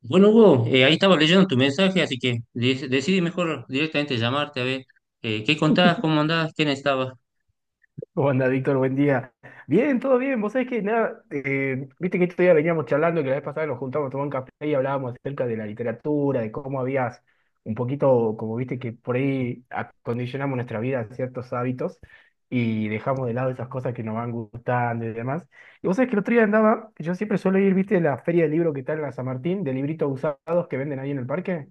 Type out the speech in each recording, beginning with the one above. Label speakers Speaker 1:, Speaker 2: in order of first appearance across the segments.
Speaker 1: Bueno, Hugo, ahí estaba leyendo tu mensaje, así que decidí mejor directamente llamarte a ver qué contabas, cómo andabas, quién estaba.
Speaker 2: ¿Cómo anda, Víctor? Buen día. Bien, todo bien. Vos sabés que nada, viste que este día veníamos charlando, que la vez pasada nos juntamos a tomar un café y hablábamos acerca de la literatura, de cómo habías un poquito, como viste que por ahí acondicionamos nuestra vida a ciertos hábitos y dejamos de lado esas cosas que nos van gustando y demás. Y vos sabés que el otro día andaba, yo siempre suelo ir, viste, a la feria de libro que está en la San Martín, de libritos usados que venden ahí en el parque.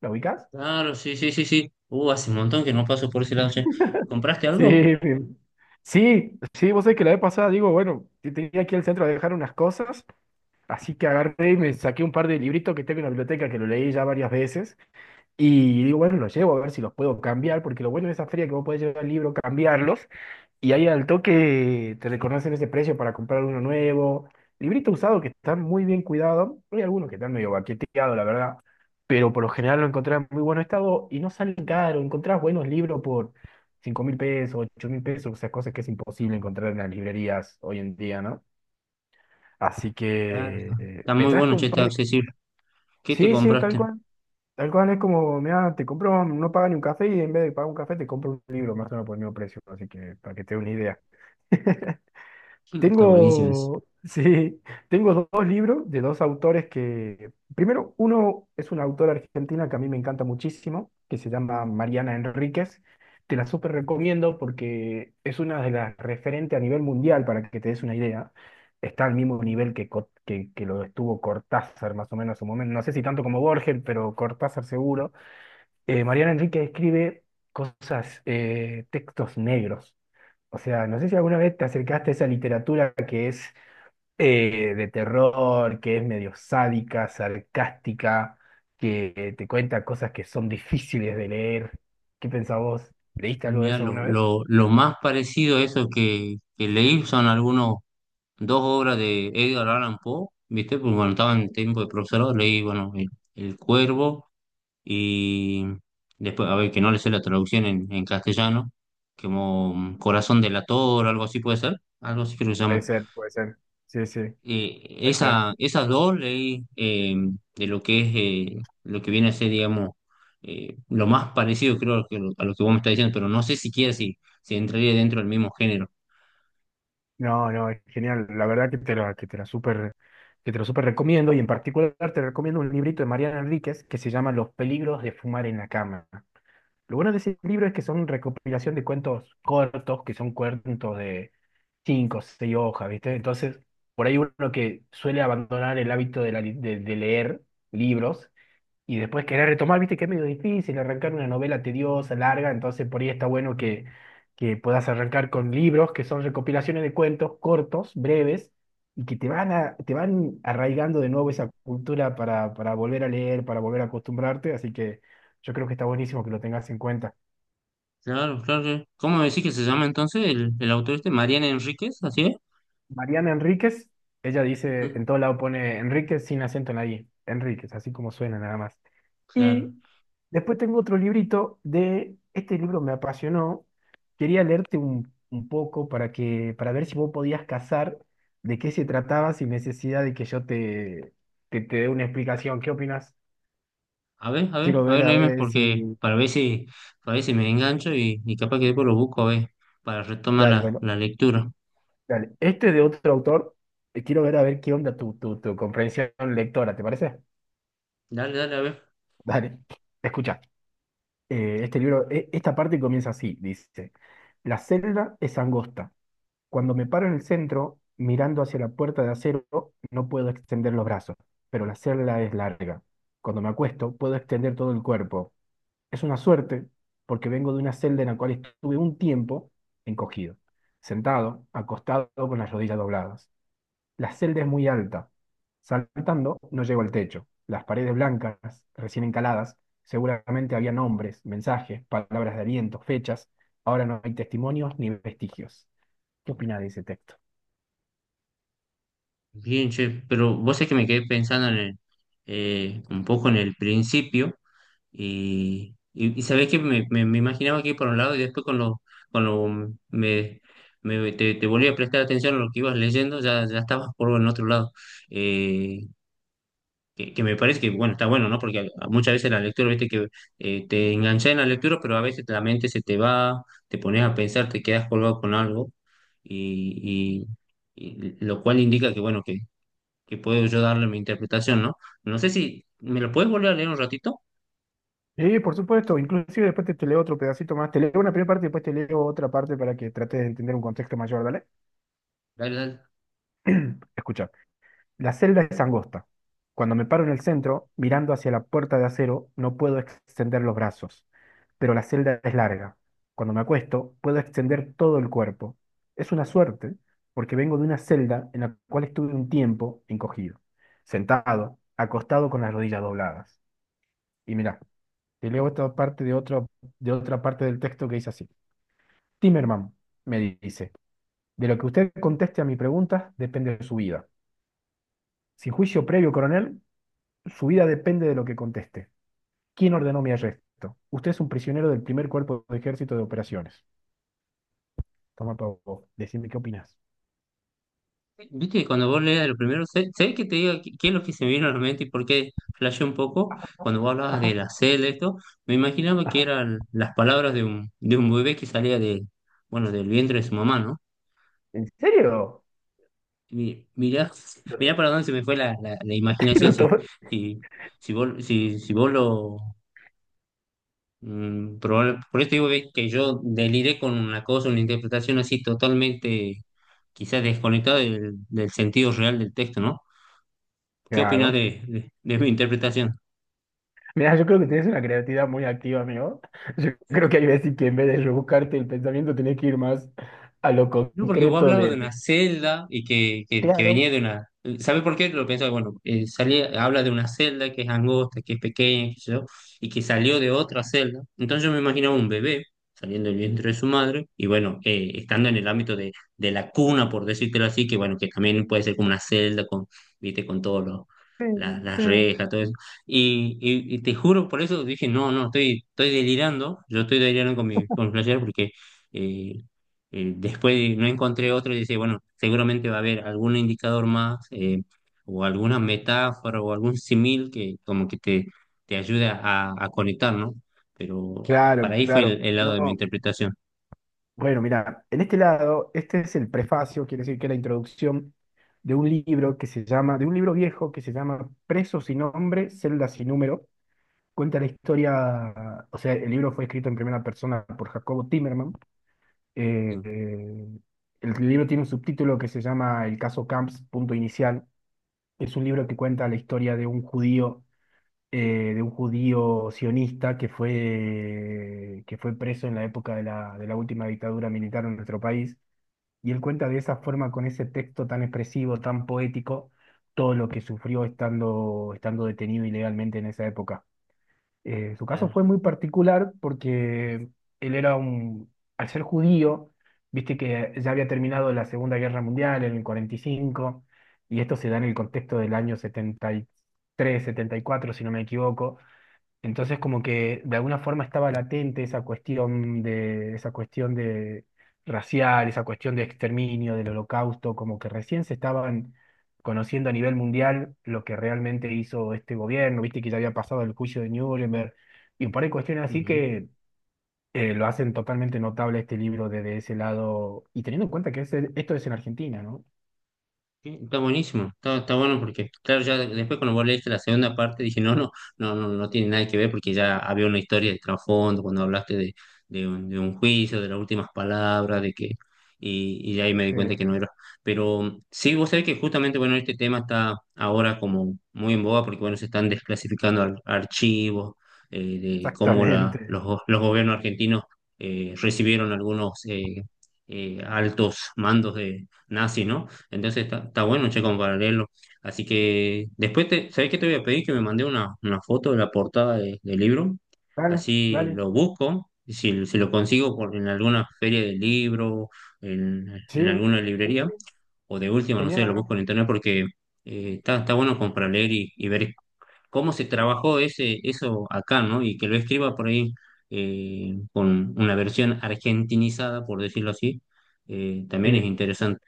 Speaker 2: ¿La ubicás?
Speaker 1: Claro, sí, sí, sí, sí. Hace un montón que no paso por ese lado, che. ¿Compraste
Speaker 2: Sí,
Speaker 1: algo?
Speaker 2: mi- sí, sí, vos sabés que la vez pasada digo, bueno, tenía aquí ir al centro a dejar unas cosas, así que agarré y me saqué un par de libritos que tengo en la biblioteca que lo leí ya varias veces, y digo, bueno, los llevo a ver si los puedo cambiar, porque lo bueno de esa feria es que vos podés llevar el libro, cambiarlos, y ahí al toque te reconocen ese precio para comprar uno nuevo. Librito usado que están muy bien cuidados. Hay algunos que están medio baqueteados, la verdad. Pero por lo
Speaker 1: Sí,
Speaker 2: general lo encontrás en muy buen estado y no salen caro. Encontrás buenos libros por 5000 pesos, 8000 pesos, o sea, cosas que es imposible encontrar en las librerías hoy en día, ¿no? Así
Speaker 1: claro,
Speaker 2: que
Speaker 1: está
Speaker 2: me
Speaker 1: muy
Speaker 2: traje
Speaker 1: bueno, che,
Speaker 2: un
Speaker 1: está
Speaker 2: par de...
Speaker 1: accesible. ¿Qué te
Speaker 2: Sí, sí, tal
Speaker 1: compraste?
Speaker 2: cual. Tal cual es como, mira, te compro, no paga ni un café y en vez de pagar un café te compro un libro más o menos por el mismo precio. Así que para que te dé una idea.
Speaker 1: Mm. Está buenísimo eso.
Speaker 2: Tengo, sí, tengo dos libros de dos autores que, primero, uno es una autora argentina que a mí me encanta muchísimo, que se llama Mariana Enríquez. Te la súper recomiendo porque es una de las referentes a nivel mundial, para que te des una idea. Está al mismo nivel que, que lo estuvo Cortázar, más o menos en su momento. No sé si tanto como Borges, pero Cortázar seguro. Mariana Enríquez escribe cosas, textos negros. O sea, no sé si alguna vez te acercaste a esa literatura que es de terror, que es medio sádica, sarcástica, que te cuenta cosas que son difíciles de leer. ¿Qué pensás vos? ¿Leíste algo de
Speaker 1: Mira,
Speaker 2: eso alguna vez?
Speaker 1: lo más parecido a eso que leí son algunos, dos obras de Edgar Allan Poe, ¿viste? Pues bueno, estaba en tiempo de profesorado, leí, bueno, El Cuervo y después, a ver, que no le sé la traducción en castellano, como Corazón delator, algo así puede ser, algo así creo que se
Speaker 2: Puede
Speaker 1: llama.
Speaker 2: ser, puede ser. Sí, sí, puede ser.
Speaker 1: Esas dos leí de lo que es, lo que viene a ser, digamos, lo más parecido creo a lo que vos me estás diciendo, pero no sé siquiera si, si entraría dentro del mismo género.
Speaker 2: No, no, es genial. La verdad que te la súper, que te lo súper recomiendo y en particular te recomiendo un librito de Mariana Enríquez que se llama Los peligros de fumar en la cama. Lo bueno de ese libro es que son recopilación de cuentos cortos, que son cuentos de cinco, o seis hojas, ¿viste? Entonces, por ahí uno que suele abandonar el hábito de, de leer libros, y después querer retomar, viste que es medio difícil arrancar una novela tediosa, larga, entonces por ahí está bueno que puedas arrancar con libros que son recopilaciones de cuentos cortos, breves, y que te van a, te van arraigando de nuevo esa cultura para volver a leer, para volver a acostumbrarte, así que yo creo que está buenísimo que lo tengas en cuenta.
Speaker 1: Claro, claro, claro. ¿Cómo me decís que se llama entonces el autor este? Mariana Enríquez, ¿así es?
Speaker 2: Mariana Enríquez, ella dice,
Speaker 1: Ujú.
Speaker 2: en todo lado pone Enríquez sin acento en la I, Enríquez, así como suena nada más.
Speaker 1: Claro.
Speaker 2: Y después tengo otro librito de, este libro me apasionó, quería leerte un poco para que, para ver si vos podías cazar de qué se trataba sin necesidad de que yo te, te dé una explicación. ¿Qué opinas?
Speaker 1: A ver, a ver,
Speaker 2: Quiero
Speaker 1: a
Speaker 2: ver
Speaker 1: ver,
Speaker 2: a
Speaker 1: léeme,
Speaker 2: ver
Speaker 1: porque
Speaker 2: si...
Speaker 1: para ver si me engancho y capaz que después lo busco, a ver, para retomar
Speaker 2: Dale,
Speaker 1: la,
Speaker 2: bueno,
Speaker 1: la lectura.
Speaker 2: dale. Este es de otro autor, quiero ver a ver qué onda tu, tu comprensión lectora, ¿te parece?
Speaker 1: Dale, dale, a ver.
Speaker 2: Dale, escucha. Este libro, esta parte comienza así, dice, la celda es angosta. Cuando me paro en el centro, mirando hacia la puerta de acero, no puedo extender los brazos, pero la celda es larga. Cuando me acuesto, puedo extender todo el cuerpo. Es una suerte, porque vengo de una celda en la cual estuve un tiempo encogido, sentado, acostado con las rodillas dobladas. La celda es muy alta. Saltando, no llego al techo. Las paredes blancas, recién encaladas, seguramente había nombres, mensajes, palabras de aliento, fechas. Ahora no hay testimonios ni vestigios. ¿Qué opina de ese texto?
Speaker 1: Bien, che, pero vos es que me quedé pensando en el, un poco en el principio y sabés que me imaginaba que iba por un lado y después con lo, me, te volví a prestar atención a lo que ibas leyendo, ya, ya estabas por el otro lado. Eh, que me parece que, bueno, está bueno, ¿no? Porque a muchas veces la lectura, viste que te enganchas en la lectura, pero a veces la mente se te va, te pones a pensar, te quedas colgado con algo, y, y lo cual indica que, bueno, que puedo yo darle mi interpretación, ¿no? No sé si, ¿me lo puedes volver a leer un ratito?
Speaker 2: Sí, por supuesto. Inclusive después te, te leo otro pedacito más. Te leo una primera parte y después te leo otra parte para que trates de entender un contexto mayor. Dale.
Speaker 1: Dale, dale.
Speaker 2: Escucha. La celda es angosta. Cuando me paro en el centro, mirando hacia la puerta de acero, no puedo extender los brazos. Pero la celda es larga. Cuando me acuesto, puedo extender todo el cuerpo. Es una suerte, porque vengo de una celda en la cual estuve un tiempo encogido, sentado, acostado con las rodillas dobladas. Y mirá, te leo esta parte de otra parte del texto que dice así. Timerman, me dice, de lo que usted conteste a mi pregunta depende de su vida. Sin juicio previo, coronel, su vida depende de lo que conteste. ¿Quién ordenó mi arresto? Usted es un prisionero del primer cuerpo de ejército de operaciones. Toma para vos, decime qué opinás.
Speaker 1: Viste que cuando vos leías lo primero, sé, sé que te digo qué qué es lo que se me vino a la mente y por qué flashé un poco cuando vos hablabas de
Speaker 2: Ajá,
Speaker 1: la C, de esto, me imaginaba que
Speaker 2: ajá.
Speaker 1: eran las palabras de un bebé que salía de, bueno, del vientre de su mamá, ¿no?
Speaker 2: ¿En serio?
Speaker 1: Mirá, mirá para dónde se me fue la, la, la imaginación,
Speaker 2: Lo
Speaker 1: si,
Speaker 2: tomó-
Speaker 1: si, si vos, si, si vos lo... por eso digo ve, que yo deliré con una cosa, una interpretación así totalmente, quizás desconectada del, del sentido real del texto, ¿no? ¿Qué opinas
Speaker 2: Claro.
Speaker 1: de mi interpretación?
Speaker 2: Mira, yo creo que tienes una creatividad muy activa, amigo. Yo creo que hay veces que en vez de rebuscarte el pensamiento, tenés que ir más a lo
Speaker 1: No, porque vos
Speaker 2: concreto
Speaker 1: hablabas
Speaker 2: de...
Speaker 1: de una
Speaker 2: de-
Speaker 1: celda y que
Speaker 2: Claro,
Speaker 1: venía de una... ¿Sabes por qué? Lo pensaba, bueno, salía, habla de una celda que es angosta, que es pequeña, qué sé yo, y que salió de otra celda. Entonces yo me imaginaba un bebé saliendo del vientre de su madre y bueno, estando en el ámbito de la cuna, por decírtelo así, que bueno, que también puede ser como una celda con, viste, con todos los...
Speaker 2: sí, sí.
Speaker 1: Las rejas, todo eso. Y te juro, por eso dije, no, no, estoy, estoy delirando, yo estoy delirando con mi flashero porque... eh, después no encontré otro y dice, bueno, seguramente va a haber algún indicador más o alguna metáfora o algún simil que como que te ayude a conectar, ¿no? Pero
Speaker 2: Claro,
Speaker 1: para ahí fue
Speaker 2: claro.
Speaker 1: el lado de mi
Speaker 2: No.
Speaker 1: interpretación.
Speaker 2: Bueno, mira, en este lado, este es el prefacio, quiere decir que es la introducción de un libro que se llama, de un libro viejo que se llama Preso sin nombre, célula sin número. Cuenta la historia, o sea, el libro fue escrito en primera persona por Jacobo Timerman. Eh,
Speaker 1: Sí,
Speaker 2: eh, el libro tiene un subtítulo que se llama El caso Camps, punto inicial. Es un libro que cuenta la historia de un judío sionista que fue preso en la época de la última dictadura militar en nuestro país. Y él cuenta de esa forma, con ese texto tan expresivo, tan poético, todo lo que sufrió estando, estando detenido ilegalmente en esa época. Su caso fue
Speaker 1: claro.
Speaker 2: muy particular porque él era un, al ser judío, viste que ya había terminado la Segunda Guerra Mundial en el 45, y cinco, y esto se da en el contexto del año 73, 74, si no me equivoco entonces, como que de alguna forma estaba latente esa cuestión de racial, esa cuestión de exterminio, del holocausto, como que recién se estaban conociendo a nivel mundial lo que realmente hizo este gobierno, viste que ya había pasado el juicio de Nuremberg, y un par de cuestiones así
Speaker 1: Ujú.
Speaker 2: que lo hacen totalmente notable este libro desde ese lado, y teniendo en cuenta que esto es en Argentina, ¿no?
Speaker 1: Sí, está buenísimo, está, está bueno porque, claro, ya después cuando vos leíste la segunda parte dije, no, no, no, no, no tiene nada que ver porque ya había una historia de trasfondo cuando hablaste de un juicio, de las últimas palabras, de que, y ahí me di cuenta
Speaker 2: Eh,
Speaker 1: que no era. Pero sí, vos sabés que justamente, bueno, este tema está ahora como muy en boga porque, bueno, se están desclasificando archivos de cómo la,
Speaker 2: exactamente.
Speaker 1: los, los gobiernos argentinos recibieron algunos altos mandos de nazis, ¿no? Entonces está, está bueno, che, como para leerlo. Así que después, te, ¿sabés qué te voy a pedir? Que me mandé una foto de la portada del libro.
Speaker 2: Dale,
Speaker 1: Así
Speaker 2: dale.
Speaker 1: lo busco. Y si, si lo consigo por, en alguna feria de libro, en, en
Speaker 2: Sí,
Speaker 1: alguna
Speaker 2: sí,
Speaker 1: librería,
Speaker 2: sí.
Speaker 1: o de última, no sé,
Speaker 2: Genial,
Speaker 1: lo busco
Speaker 2: ¿no?
Speaker 1: en internet porque está, está bueno como para leer y ver cómo se trabajó ese, eso acá, ¿no? Y que lo escriba por ahí con una versión argentinizada, por decirlo así, también es
Speaker 2: Sí.
Speaker 1: interesante.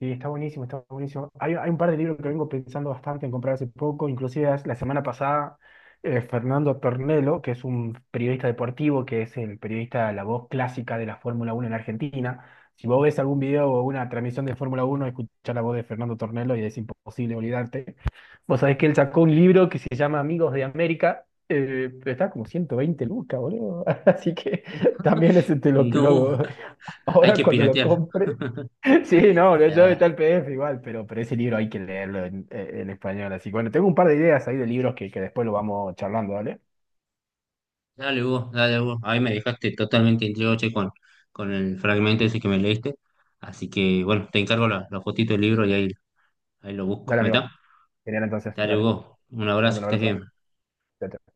Speaker 2: Sí, está buenísimo, está buenísimo. Hay un par de libros que vengo pensando bastante en comprar hace poco, inclusive la semana pasada Fernando Tornello, que es un periodista deportivo, que es el periodista, la voz clásica de la Fórmula Uno en Argentina. Si vos ves algún video o una transmisión de Fórmula Uno, escuchar la voz de Fernando Tornello y es imposible olvidarte. Vos sabés que él sacó un libro que se llama Amigos de América, pero está como 120 lucas, boludo. Así que también ese te lo que
Speaker 1: No,
Speaker 2: lo,
Speaker 1: hay
Speaker 2: ahora
Speaker 1: que
Speaker 2: cuando lo
Speaker 1: piratearla.
Speaker 2: compre. Sí, no, yo
Speaker 1: Ya,
Speaker 2: está el PDF igual, pero ese libro hay que leerlo en español. Así que bueno, tengo un par de ideas ahí de libros que después lo vamos charlando, ¿dale?
Speaker 1: dale vos, dale vos. Ahí me dejaste totalmente intrigado, che, con el fragmento ese que me leíste. Así que, bueno, te encargo la, la fotito del libro y ahí, ahí lo busco.
Speaker 2: Dale, amigo.
Speaker 1: ¿Metá?
Speaker 2: Genial, entonces,
Speaker 1: Dale
Speaker 2: dale.
Speaker 1: vos. Un
Speaker 2: Te
Speaker 1: abrazo,
Speaker 2: Mando
Speaker 1: que
Speaker 2: un
Speaker 1: estés
Speaker 2: abrazo.
Speaker 1: bien.
Speaker 2: Chao, chao.